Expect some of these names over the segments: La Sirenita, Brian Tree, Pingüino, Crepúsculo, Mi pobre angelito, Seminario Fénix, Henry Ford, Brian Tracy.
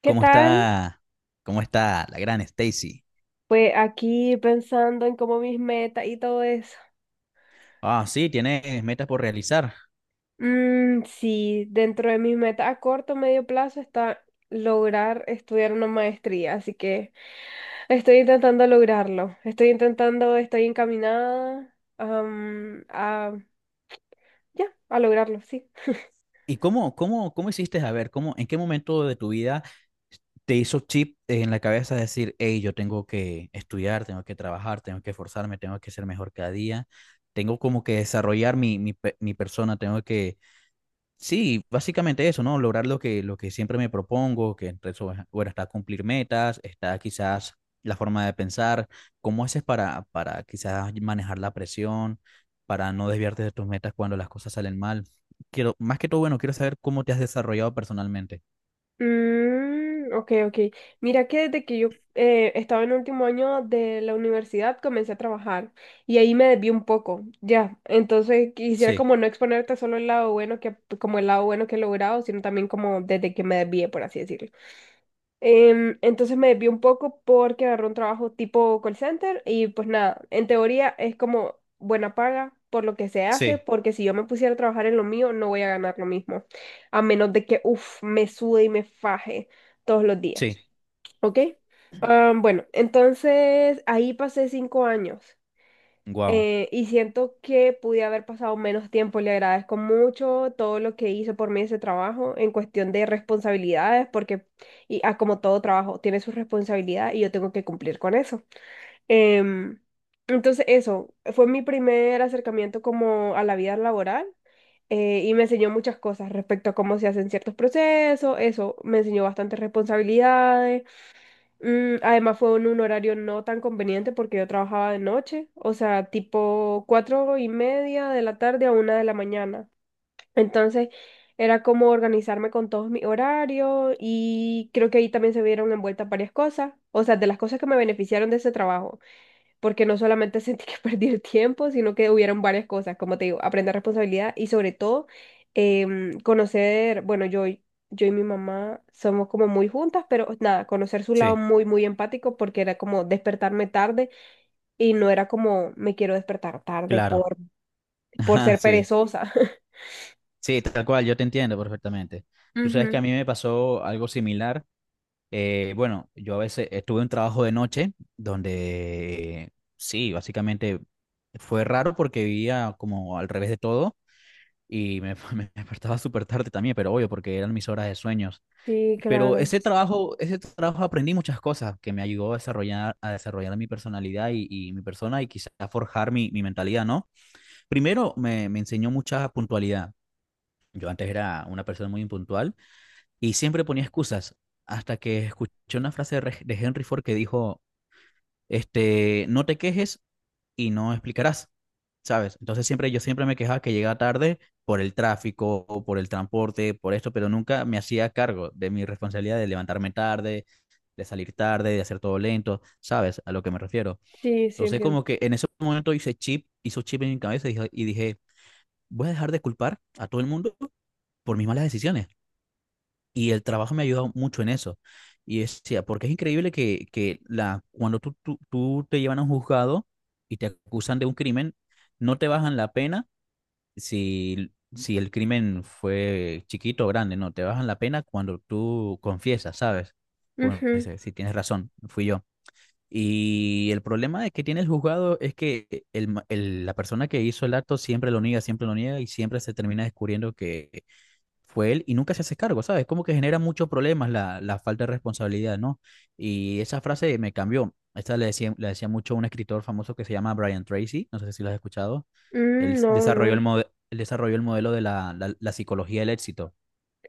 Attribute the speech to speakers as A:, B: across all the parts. A: ¿Qué
B: ¿Cómo
A: tal?
B: está? ¿Cómo está la gran Stacy?
A: Pues aquí pensando en cómo mis metas y todo eso.
B: Ah, sí, tienes metas por realizar.
A: Mm, sí, dentro de mis metas a corto medio plazo está lograr estudiar una maestría, así que estoy intentando lograrlo. Estoy intentando, estoy encaminada, ya, a lograrlo, sí.
B: ¿Y cómo hiciste? A ver, ¿cómo, en qué momento de tu vida te hizo chip en la cabeza decir? Hey, yo tengo que estudiar, tengo que trabajar, tengo que esforzarme, tengo que ser mejor cada día, tengo como que desarrollar mi persona, tengo que. Sí, básicamente eso, ¿no? Lograr lo que siempre me propongo, que entre eso, bueno, está cumplir metas, está quizás la forma de pensar, cómo haces para quizás manejar la presión, para no desviarte de tus metas cuando las cosas salen mal. Quiero, más que todo, bueno, quiero saber cómo te has desarrollado personalmente.
A: Mm, ok, ok. Mira que desde que yo estaba en último año de la universidad comencé a trabajar y ahí me desvié un poco, ya. Entonces quisiera
B: Sí,
A: como no exponerte solo el lado bueno que he logrado, sino también como desde que me desvié, por así decirlo. Entonces me desvié un poco porque agarré un trabajo tipo call center y pues nada, en teoría es como buena paga por lo que se hace,
B: sí,
A: porque si yo me pusiera a trabajar en lo mío no voy a ganar lo mismo, a menos de que, uff, me sude y me faje todos los días,
B: sí,
A: ¿ok? Bueno, entonces ahí pasé 5 años,
B: wow,
A: y siento que pude haber pasado menos tiempo. Le agradezco mucho todo lo que hizo por mí ese trabajo en cuestión de responsabilidades, como todo trabajo tiene su responsabilidad y yo tengo que cumplir con eso. Em, entonces eso fue mi primer acercamiento como a la vida laboral, y me enseñó muchas cosas respecto a cómo se hacen ciertos procesos. Eso me enseñó bastantes responsabilidades. Además fue en un horario no tan conveniente porque yo trabajaba de noche, o sea, tipo 4:30 de la tarde a 1 de la mañana. Entonces era como organizarme con todos mis horarios y creo que ahí también se vieron envueltas varias cosas, o sea, de las cosas que me beneficiaron de ese trabajo porque no solamente sentí que perdí el tiempo, sino que hubieron varias cosas, como te digo, aprender responsabilidad y sobre todo conocer, bueno, yo y mi mamá somos como muy juntas, pero nada, conocer su lado
B: sí,
A: muy, muy empático porque era como despertarme tarde y no era como me quiero despertar tarde
B: claro.
A: por
B: Ajá,
A: ser
B: sí,
A: perezosa.
B: sí, tal cual, yo te entiendo perfectamente. Tú sabes que
A: Ujú.
B: a mí me pasó algo similar. Bueno, yo a veces estuve un trabajo de noche donde sí, básicamente fue raro porque vivía como al revés de todo y me despertaba súper tarde también, pero obvio porque eran mis horas de sueños.
A: Sí,
B: Pero
A: claro.
B: ese trabajo aprendí muchas cosas que me ayudó a desarrollar mi personalidad y mi persona y quizás a forjar mi mentalidad, ¿no? Primero me enseñó mucha puntualidad. Yo antes era una persona muy impuntual y siempre ponía excusas hasta que escuché una frase de de Henry Ford que dijo, no te quejes y no explicarás, ¿sabes? Entonces siempre yo siempre me quejaba que llegaba tarde por el tráfico, o por el transporte, por esto, pero nunca me hacía cargo de mi responsabilidad de levantarme tarde, de salir tarde, de hacer todo lento, ¿sabes? A lo que me refiero.
A: Sí, sí,
B: Entonces
A: entiendo.
B: como que en ese momento hizo chip en mi cabeza y dije, voy a dejar de culpar a todo el mundo por mis malas decisiones. Y el trabajo me ha ayudado mucho en eso. Y es decía, porque es increíble cuando tú te llevan a un juzgado y te acusan de un crimen, no te bajan la pena si el crimen fue chiquito o grande, no, te bajan la pena cuando tú confiesas, ¿sabes? Bueno,
A: Ujú.
B: dice, sí, tienes razón, fui yo. Y el problema de que tiene el juzgado es que la persona que hizo el acto siempre lo niega y siempre se termina descubriendo que fue él y nunca se hace cargo, ¿sabes? Como que genera muchos problemas la falta de responsabilidad, ¿no? Y esa frase me cambió. Esta le decía mucho a un escritor famoso que se llama Brian Tracy, no sé si lo has escuchado. Él
A: Mm, no,
B: desarrolló el,
A: no.
B: mode- él desarrolló el modelo de la psicología del éxito,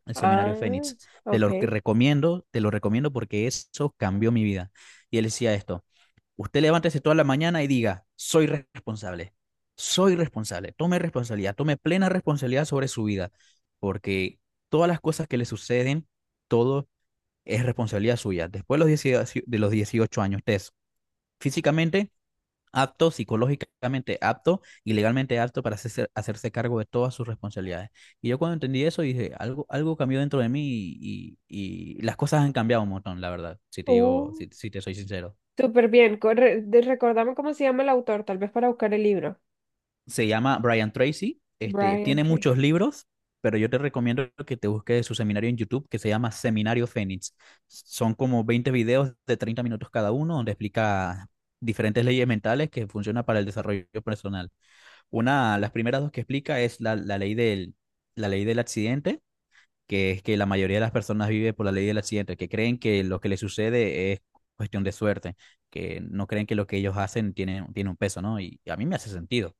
B: el seminario
A: Ah,
B: Fénix. Te
A: ok.
B: lo que recomiendo, te lo recomiendo porque eso cambió mi vida. Y él decía esto. Usted levántese toda la mañana y diga, soy responsable, tome responsabilidad, tome plena responsabilidad sobre su vida, porque todas las cosas que le suceden, todo es responsabilidad suya. Después de los 18 años, usted es físicamente apto, psicológicamente apto y legalmente apto para hacerse cargo de todas sus responsabilidades. Y yo cuando entendí eso dije, algo cambió dentro de mí y las cosas han cambiado un montón, la verdad, si te
A: Uh.
B: digo, si te soy sincero.
A: Súper bien. Recordame cómo se llama el autor, tal vez para buscar el libro.
B: Se llama Brian Tracy. Este,
A: Brian
B: tiene
A: Tree.
B: muchos libros, pero yo te recomiendo que te busques su seminario en YouTube que se llama Seminario Fénix. Son como 20 videos de 30 minutos cada uno donde explica diferentes leyes mentales que funcionan para el desarrollo personal. Una, las primeras dos que explica es la ley del accidente, que es que la mayoría de las personas vive por la ley del accidente, que creen que lo que les sucede es cuestión de suerte, que no creen que lo que ellos hacen tiene un peso, ¿no? Y a mí me hace sentido.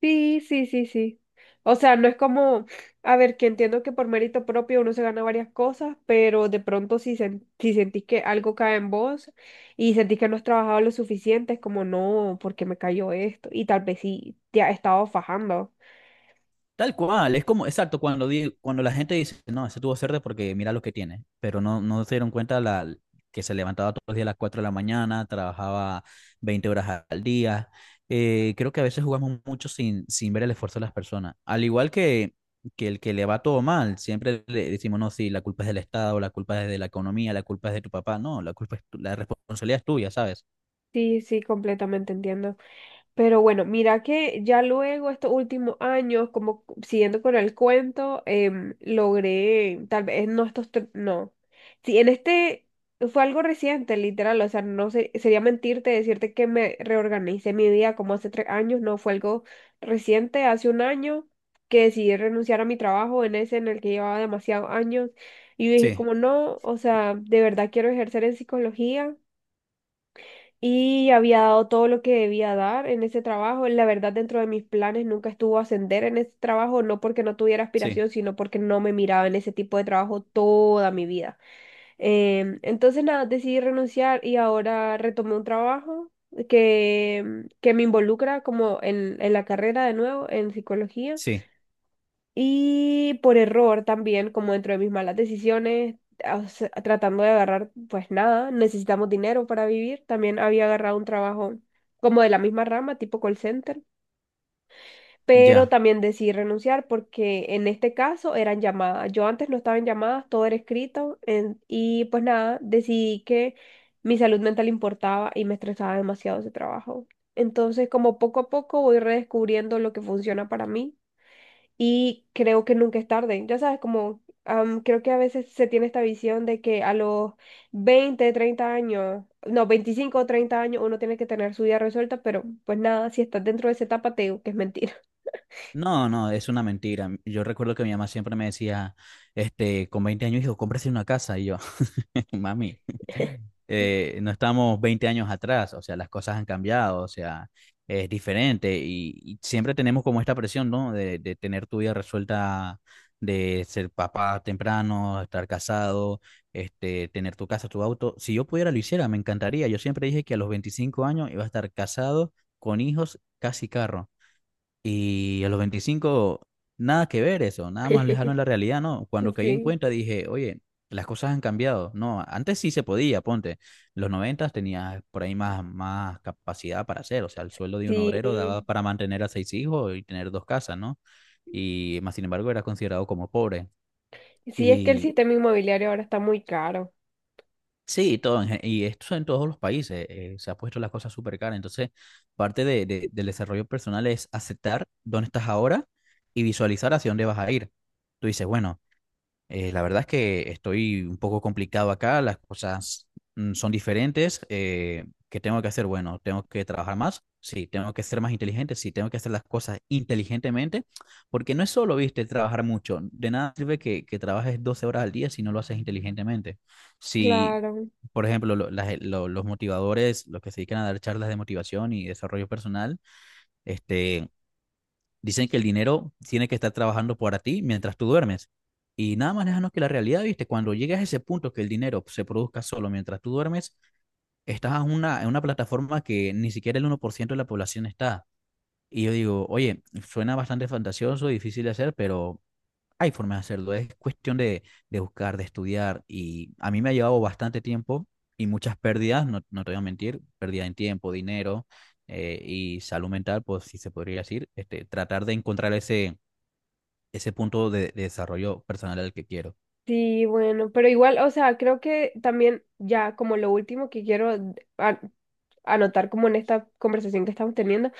A: Sí, sí, sí, sí. O sea, no es como, a ver, que entiendo que por mérito propio uno se gana varias cosas, pero de pronto si sentís que algo cae en vos y sentís que no has trabajado lo suficiente, es como, no, ¿por qué me cayó esto? Y tal vez sí te has estado fajando.
B: Tal cual, es como, exacto, cuando la gente dice, no, ese tuvo cerdo porque mira lo que tiene, pero no, no se dieron cuenta la, que se levantaba todos los días a las 4 de la mañana, trabajaba 20 horas al día. Creo que a veces jugamos mucho sin ver el esfuerzo de las personas. Al igual que el que le va todo mal, siempre le decimos, no, sí, la culpa es del Estado, la culpa es de la economía, la culpa es de tu papá. No, la responsabilidad es tuya, ¿sabes?
A: Sí, sí, completamente entiendo. Pero bueno, mira que ya luego, estos últimos años, como siguiendo con el cuento, logré, tal vez no estos, no. Sí, en este fue algo reciente, literal, o sea, no sé, sería mentirte decirte que me reorganicé mi vida como hace 3 años, no, fue algo reciente, hace un año que decidí renunciar a mi trabajo en el que llevaba demasiados años y yo dije
B: Sí,
A: como no, o sea, de verdad quiero ejercer en psicología y había dado todo lo que debía dar en ese trabajo. La verdad, dentro de mis planes nunca estuvo ascender en ese trabajo, no porque no tuviera
B: sí,
A: aspiración, sino porque no me miraba en ese tipo de trabajo toda mi vida. Entonces, nada, decidí renunciar y ahora retomé un trabajo que me involucra como en la carrera de nuevo, en psicología.
B: sí.
A: Y por error también, como dentro de mis malas decisiones, o sea, tratando de agarrar, pues nada, necesitamos dinero para vivir. También había agarrado un trabajo como de la misma rama, tipo call center, pero
B: Ya.
A: también decidí renunciar porque en este caso eran llamadas. Yo antes no estaba en llamadas, todo era escrito y pues nada, decidí que mi salud mental importaba y me estresaba demasiado ese trabajo. Entonces, como poco a poco voy redescubriendo lo que funciona para mí y creo que nunca es tarde. Ya sabes, como creo que a veces se tiene esta visión de que a los 20 30 años, no, 25 o 30 años uno tiene que tener su vida resuelta, pero pues nada, si estás dentro de esa etapa, te digo que es mentira.
B: No, no, es una mentira. Yo recuerdo que mi mamá siempre me decía, con 20 años, hijo, cómprese una casa. Y yo, mami, no estamos 20 años atrás, o sea, las cosas han cambiado, o sea, es diferente. Y siempre tenemos como esta presión, ¿no? De tener tu vida resuelta, de ser papá temprano, estar casado, tener tu casa, tu auto. Si yo pudiera, lo hiciera, me encantaría. Yo siempre dije que a los 25 años iba a estar casado, con hijos, casi carro. Y a los 25 nada que ver eso, nada más lejano de la realidad, ¿no? Cuando caí en
A: Sí,
B: cuenta dije, oye, las cosas han cambiado. No, antes sí se podía, ponte. Los 90 tenías por ahí más capacidad para hacer, o sea, el sueldo de un obrero daba
A: sí.
B: para mantener a seis hijos y tener dos casas, ¿no? Y más sin embargo era considerado como pobre.
A: Sí, es que el
B: Y
A: sistema inmobiliario ahora está muy caro.
B: sí, y esto en todos los países se ha puesto las cosas súper caras. Entonces, parte del desarrollo personal es aceptar dónde estás ahora y visualizar hacia dónde vas a ir. Tú dices, bueno, la verdad es que estoy un poco complicado acá, las cosas son diferentes. ¿Qué tengo que hacer? Bueno, tengo que trabajar más. Sí, tengo que ser más inteligente. Sí, tengo que hacer las cosas inteligentemente. Porque no es solo, viste, trabajar mucho. De nada sirve que trabajes 12 horas al día si no lo haces inteligentemente. Si
A: Claro.
B: por ejemplo, los motivadores, los que se dedican a dar charlas de motivación y desarrollo personal, este, dicen que el dinero tiene que estar trabajando para ti mientras tú duermes. Y nada más déjanos que la realidad, viste, cuando llegas a ese punto que el dinero se produzca solo mientras tú duermes, estás en una plataforma que ni siquiera el 1% de la población está. Y yo digo, oye, suena bastante fantasioso, difícil de hacer, pero hay formas de hacerlo, es cuestión de buscar, de estudiar y a mí me ha llevado bastante tiempo y muchas pérdidas, no, no te voy a mentir, pérdida en tiempo, dinero y salud mental, pues si se podría decir, tratar de encontrar ese punto de desarrollo personal al que quiero.
A: Sí, bueno, pero igual, o sea, creo que también ya como lo último que quiero anotar como en esta conversación que estamos teniendo,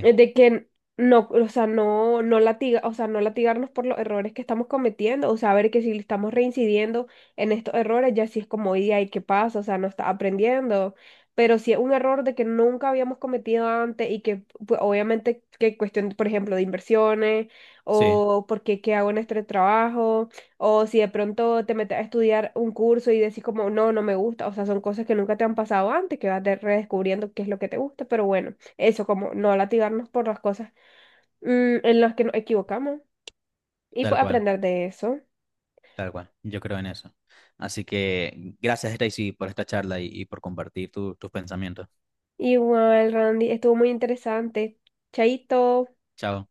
A: de que no, o sea, no latigarnos por los errores que estamos cometiendo, o sea, ver que si estamos reincidiendo en estos errores, ya sí es como, y ahí qué pasa, o sea, no está aprendiendo. Pero si es un error de que nunca habíamos cometido antes y que pues, obviamente que cuestión, por ejemplo, de inversiones
B: sí,
A: o porque qué hago en este trabajo o si de pronto te metes a estudiar un curso y decís como no, no me gusta, o sea, son cosas que nunca te han pasado antes, que vas redescubriendo qué es lo que te gusta, pero bueno. Eso, como no latigarnos por las cosas en las que nos equivocamos y
B: tal
A: pues
B: cual,
A: aprender de eso.
B: tal cual, yo creo en eso. Así que gracias, Stacy, por esta charla y por compartir tus pensamientos.
A: Igual, Randy, estuvo muy interesante. Chaito.
B: Chao.